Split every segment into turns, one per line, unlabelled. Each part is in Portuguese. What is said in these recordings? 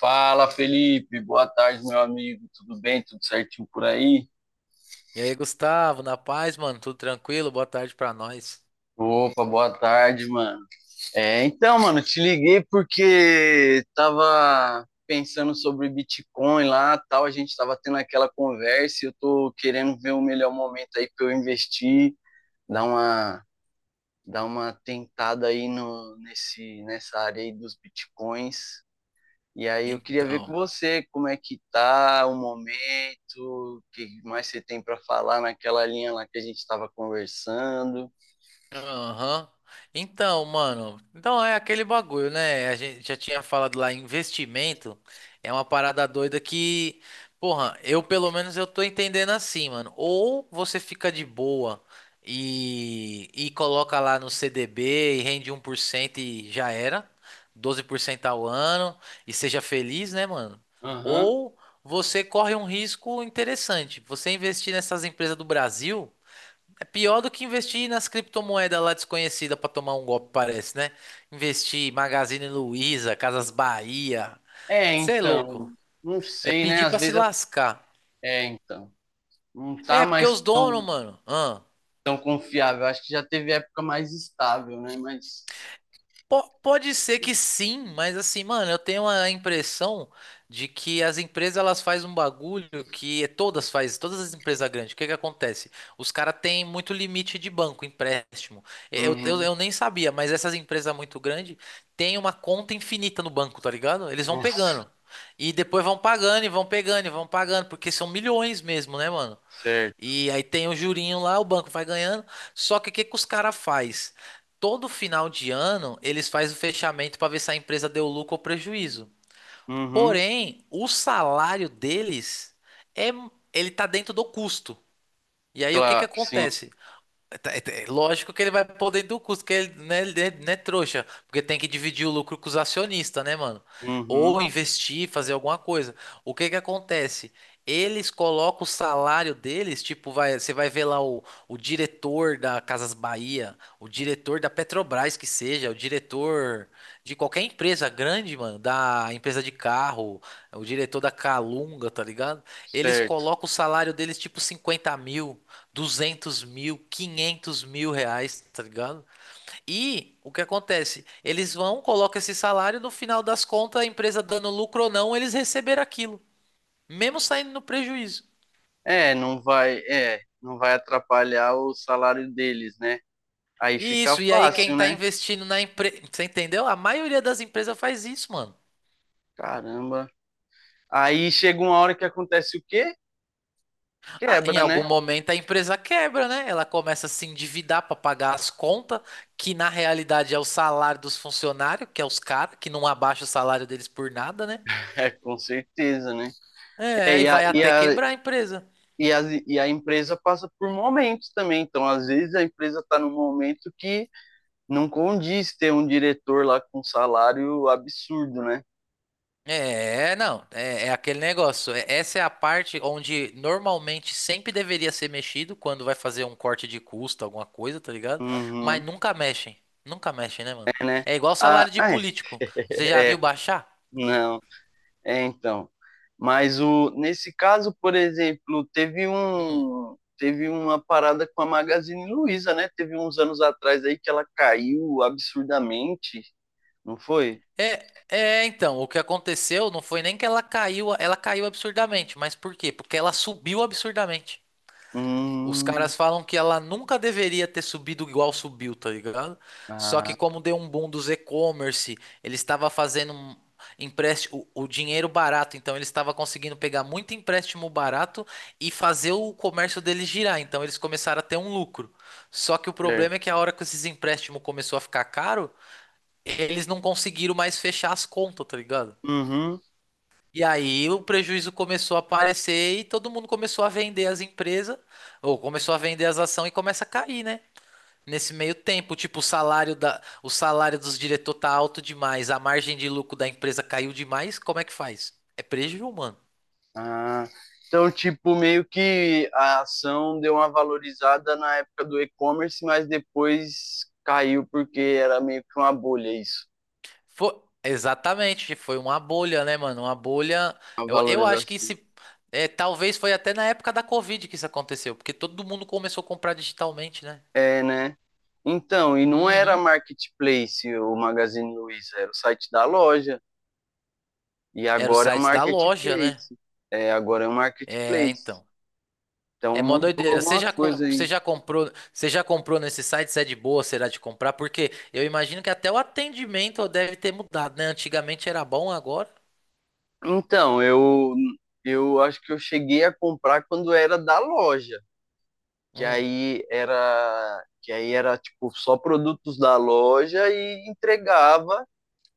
Fala, Felipe. Boa tarde, meu amigo. Tudo bem? Tudo certinho por aí?
E aí, Gustavo, na paz, mano? Tudo tranquilo? Boa tarde pra nós.
Opa, boa tarde, mano. Mano, te liguei porque tava pensando sobre Bitcoin lá, tal, a gente tava tendo aquela conversa e eu tô querendo ver o melhor momento aí para eu investir, dar uma dar uma tentada aí no nesse nessa área aí dos Bitcoins. E aí eu queria ver com
Então.
você como é que tá o momento, o que mais você tem para falar naquela linha lá que a gente estava conversando.
Aham. Então, mano, então é aquele bagulho, né? A gente já tinha falado lá, investimento é uma parada doida que, porra, eu pelo menos eu tô entendendo assim, mano. Ou você fica de boa e coloca lá no CDB e rende 1% e já era, 12% ao ano e seja feliz, né, mano?
Aham.
Ou você corre um risco interessante. Você investir nessas empresas do Brasil. É pior do que investir nas criptomoedas lá desconhecida pra tomar um golpe, parece, né? Investir em Magazine Luiza, Casas Bahia.
É,
Cê é louco.
então, não
É
sei, né?
pedir
Às
pra se
vezes
lascar.
é, é, então, não tá
É, porque
mais
os donos,
tão,
mano.
tão confiável. Acho que já teve época mais estável, né? Mas
Pode ser que sim, mas assim, mano, eu tenho a impressão de que as empresas elas fazem um bagulho que todas fazem, todas as empresas grandes. O que que acontece? Os caras têm muito limite de banco, empréstimo. Eu, eu,
uhum.
eu nem sabia, mas essas empresas muito grandes têm uma conta infinita no banco, tá ligado? Eles vão
Nossa,
pegando. E depois vão pagando e vão pegando e vão pagando, porque são milhões mesmo, né, mano?
certo.
E aí tem o jurinho lá, o banco vai ganhando. Só que o que que os caras faz? Todo final de ano, eles fazem o fechamento para ver se a empresa deu lucro ou prejuízo.
Uhum.
Porém, o salário deles é, ele tá dentro do custo. E aí o que que
Claro, sim.
acontece? Tá, é, é lógico que ele vai pôr dentro do custo, que ele, né, ele não é trouxa, porque tem que dividir o lucro com os acionistas, né, mano?
Uhum.
Ou investir, fazer alguma coisa. O que que acontece? Eles colocam o salário deles, tipo, vai, você vai ver lá o diretor da Casas Bahia, o diretor da Petrobras, que seja, o diretor de qualquer empresa grande, mano, da empresa de carro, o diretor da Calunga, tá ligado? Eles
Certo.
colocam o salário deles, tipo, 50 mil, 200 mil, 500 mil reais, tá ligado? E o que acontece? Eles vão, colocam esse salário, no final das contas, a empresa dando lucro ou não, eles receberam aquilo, mesmo saindo no prejuízo.
Não vai atrapalhar o salário deles, né? Aí
E
fica
isso, e aí quem
fácil,
tá
né?
investindo na empresa, você entendeu? A maioria das empresas faz isso, mano.
Caramba. Aí chega uma hora que acontece o quê?
Ah, em
Quebra,
algum
né?
momento a empresa quebra, né? Ela começa a se endividar pra pagar as contas, que na realidade é o salário dos funcionários, que é os caras que não abaixa o salário deles por nada, né?
É, com certeza, né? É,
É, e
e a,
vai
e
até
a,
quebrar a empresa.
e a, e a empresa passa por momentos também. Então, às vezes, a empresa está num momento que não condiz ter um diretor lá com um salário absurdo, né?
É, não, é, é aquele negócio. Essa é a parte onde normalmente sempre deveria ser mexido quando vai fazer um corte de custo, alguma coisa, tá ligado? Mas
Uhum.
nunca mexem. Nunca mexem, né, mano?
É, né?
É igual
Ah,
salário de
é.
político. Você já viu baixar?
Não. É, então. Mas nesse caso, por exemplo,
Hum.
teve uma parada com a Magazine Luiza, né? Teve uns anos atrás aí que ela caiu absurdamente, não foi?
É, é, então, o que aconteceu não foi nem que ela caiu absurdamente, mas por quê? Porque ela subiu absurdamente. Os
Hum,
caras falam que ela nunca deveria ter subido igual subiu, tá ligado? Só
ah,
que como deu um boom dos e-commerce, ele estava fazendo um empréstimo, o dinheiro barato, então ele estava conseguindo pegar muito empréstimo barato e fazer o comércio dele girar, então eles começaram a ter um lucro. Só que o problema é
certo.
que a hora que esses empréstimos começou a ficar caro, eles não conseguiram mais fechar as contas, tá ligado?
Uhum.
E aí o prejuízo começou a aparecer e todo mundo começou a vender as empresas, ou começou a vender as ações e começa a cair, né? Nesse meio tempo, tipo, o salário dos diretores tá alto demais, a margem de lucro da empresa caiu demais, como é que faz? É prejuízo, mano.
Ah, então, tipo, meio que a ação deu uma valorizada na época do e-commerce, mas depois caiu porque era meio que uma bolha isso,
Foi, exatamente, foi uma bolha, né, mano? Uma bolha.
a
Eu acho que
valorização.
se é, talvez foi até na época da Covid que isso aconteceu, porque todo mundo começou a comprar digitalmente, né?
É, né? Então, e não era
Uhum.
marketplace o Magazine Luiza, era o site da loja. E
Era o
agora é um
site da loja, né?
marketplace. É, agora é um
É,
marketplace.
então.
Então
É mó
mudou
doideira.
alguma coisa aí.
Você já comprou nesse site? Se é de boa, será de comprar? Porque eu imagino que até o atendimento deve ter mudado, né? Antigamente era bom, agora.
Então, eu, eu acho que eu cheguei a comprar quando era da loja,
Hum,
que aí era tipo só produtos da loja e entregava.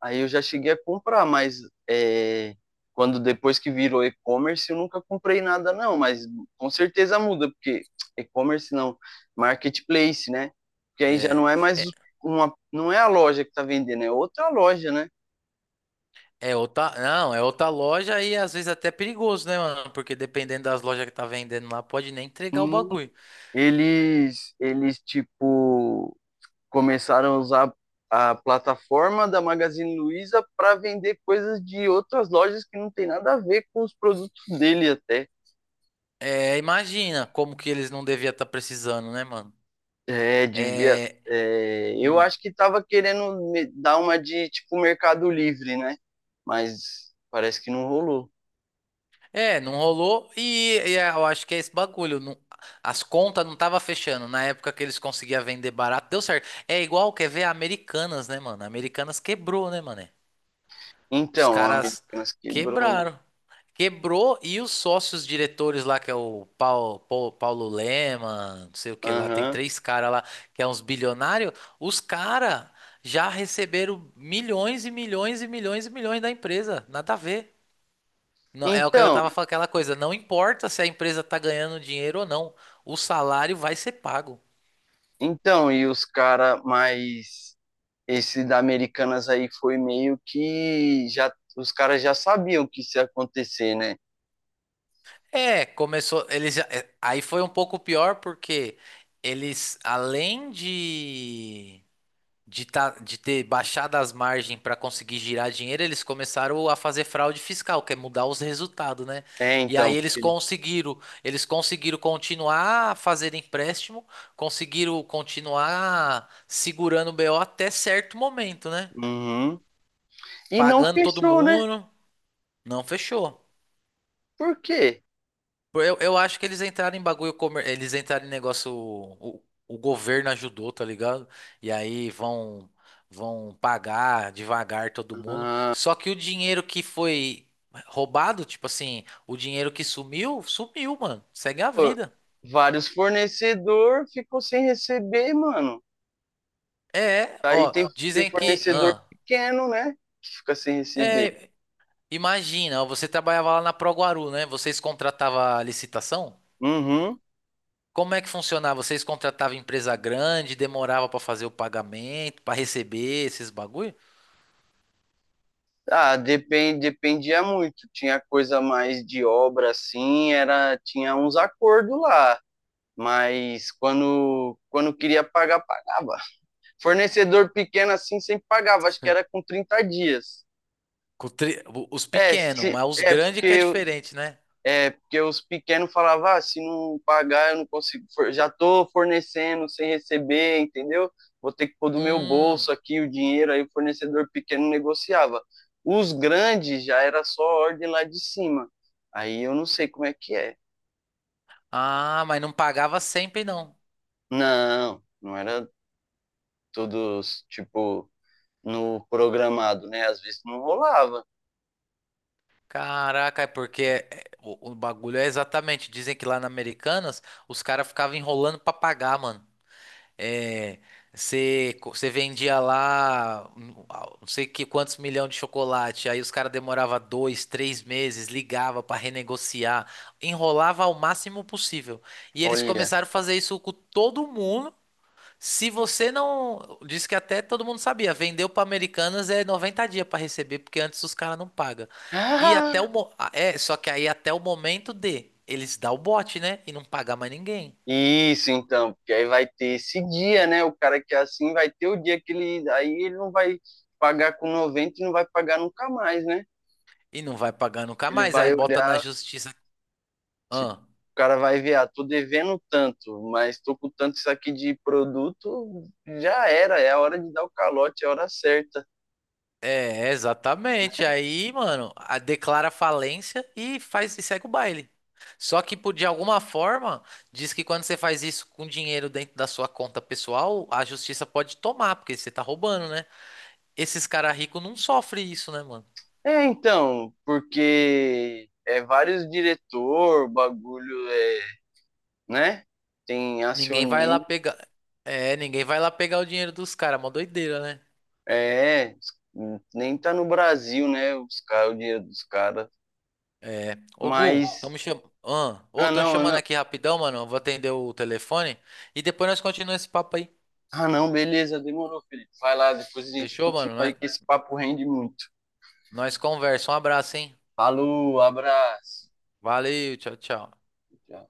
Aí eu já cheguei a comprar, mas é, quando depois que virou e-commerce, eu nunca comprei nada, não. Mas com certeza muda, porque e-commerce não, marketplace, né? Porque aí já
é.
não é mais
É,
não é a loja que tá vendendo, é outra loja, né?
é outra, não, é outra loja e às vezes até perigoso, né, mano? Porque dependendo das lojas que tá vendendo lá, pode nem entregar o
Hum,
bagulho.
eles tipo começaram a usar a plataforma da Magazine Luiza para vender coisas de outras lojas que não tem nada a ver com os produtos dele até.
É, imagina como que eles não deviam estar precisando, né, mano?
É, devia.
É.
É, eu
Hum.
acho que tava querendo dar uma de tipo Mercado Livre, né? Mas parece que não rolou.
É, não rolou e é, eu acho que é esse bagulho. As contas não tava fechando. Na época que eles conseguiam vender barato, deu certo. É igual, quer ver, a Americanas, né, mano? A Americanas quebrou, né, mano? Os
Então, a
caras
Americanas quebrou, né?
quebraram. Quebrou e os sócios diretores lá, que é o Paulo, Paulo Lema, não sei o que lá, tem
Aham.
três caras lá, que é uns bilionários. Os caras já receberam milhões e milhões e milhões e milhões da empresa. Nada a ver. Não, é o que eu
Então,
tava falando, aquela coisa, não importa se a empresa tá ganhando dinheiro ou não, o salário vai ser pago.
e os cara mais. Esse da Americanas aí foi meio que já. Os caras já sabiam que isso ia acontecer, né?
É, começou, eles já, é, aí foi um pouco pior porque eles, além de ter baixado as margens para conseguir girar dinheiro, eles começaram a fazer fraude fiscal, que é mudar os resultados, né?
É,
E aí
então,
eles
ele.
conseguiram, eles conseguiram continuar a fazer empréstimo, conseguiram continuar segurando o BO até certo momento, né?
Uhum. E não
Pagando todo
fechou, né?
mundo. Não fechou.
Por quê?
Eu acho que eles entraram em bagulho, eles entraram em negócio. O governo ajudou, tá ligado? E aí vão pagar devagar todo mundo. Só que o dinheiro que foi roubado, tipo assim, o dinheiro que sumiu, sumiu, mano. Segue a
Pô,
vida.
vários fornecedor ficou sem receber, mano.
É,
Aí
ó,
tem, tem
dizem que...
fornecedor
Ah,
pequeno, né? Que fica sem receber.
é, imagina, ó, você trabalhava lá na Proguaru, né? Vocês contratavam a licitação?
Uhum.
Como é que funcionava? Vocês contratavam empresa grande, demorava pra fazer o pagamento, pra receber esses bagulho?
Ah, dependia muito. Tinha coisa mais de obra, assim, era, tinha uns acordos lá. Mas quando queria pagar, pagava. Fornecedor pequeno assim sempre pagava, acho que era com 30 dias.
Os
É,
pequenos,
se,
mas os
é
grandes que é
porque
diferente, né?
É, porque os pequenos falavam, ah, se não pagar, eu não consigo, já tô fornecendo sem receber, entendeu? Vou ter que pôr do meu
Hum.
bolso aqui o dinheiro, aí o fornecedor pequeno negociava. Os grandes já era só ordem lá de cima. Aí eu não sei como é que é.
Ah, mas não pagava sempre, não.
Não, não era todos, tipo, no programado, né? Às vezes não rolava.
Caraca, é porque o bagulho é exatamente. Dizem que lá na Americanas os caras ficavam enrolando pra pagar, mano. É, você vendia lá ah, não sei que quantos milhões de chocolate, aí os caras demorava 2, 3 meses, ligava para renegociar, enrolava ao máximo possível. E eles
Olha.
começaram a fazer isso com todo mundo. Se você não, disse que até todo mundo sabia, vendeu para Americanas é 90 dias para receber, porque antes os caras não pagam. E até
Ah,
é, só que aí até o momento de eles dar o bote, né, e não pagar mais ninguém.
isso, então, porque aí vai ter esse dia, né? O cara que é assim vai ter o dia que ele. Aí ele não vai pagar com 90 e não vai pagar nunca mais, né?
E não vai pagar nunca
Ele
mais.
vai
Aí bota na
olhar,
justiça.
tipo,
Ah,
o cara vai ver, ah, tô devendo tanto, mas tô com tanto isso aqui de produto, já era, é a hora de dar o calote, é a hora certa.
é, exatamente. Aí, mano, declara falência e faz e segue o baile. Só que por, de alguma forma, diz que quando você faz isso com dinheiro dentro da sua conta pessoal, a justiça pode tomar, porque você tá roubando, né? Esses caras ricos não sofrem isso, né, mano?
É, então, porque é vários diretor, o bagulho é, né? Tem
Ninguém vai lá
acionista,
pegar. É, ninguém vai lá pegar o dinheiro dos caras. Mó doideira, né?
é, nem tá no Brasil, né? Os caras, o dinheiro dos caras.
É. Ô, Gu,
Mas.
estamos cham... ah, ô,
Ah,
tão
não, ah,
chamando
não.
aqui rapidão, mano. Eu vou atender o telefone. E depois nós continuamos esse papo aí.
Ah, não, beleza, demorou, Felipe. Vai lá, depois a gente
Fechou,
continua
mano? Nós,
aí, que esse papo rende muito.
nós conversa. Um abraço, hein?
Falou, abraço.
Valeu, tchau, tchau.
Tchau.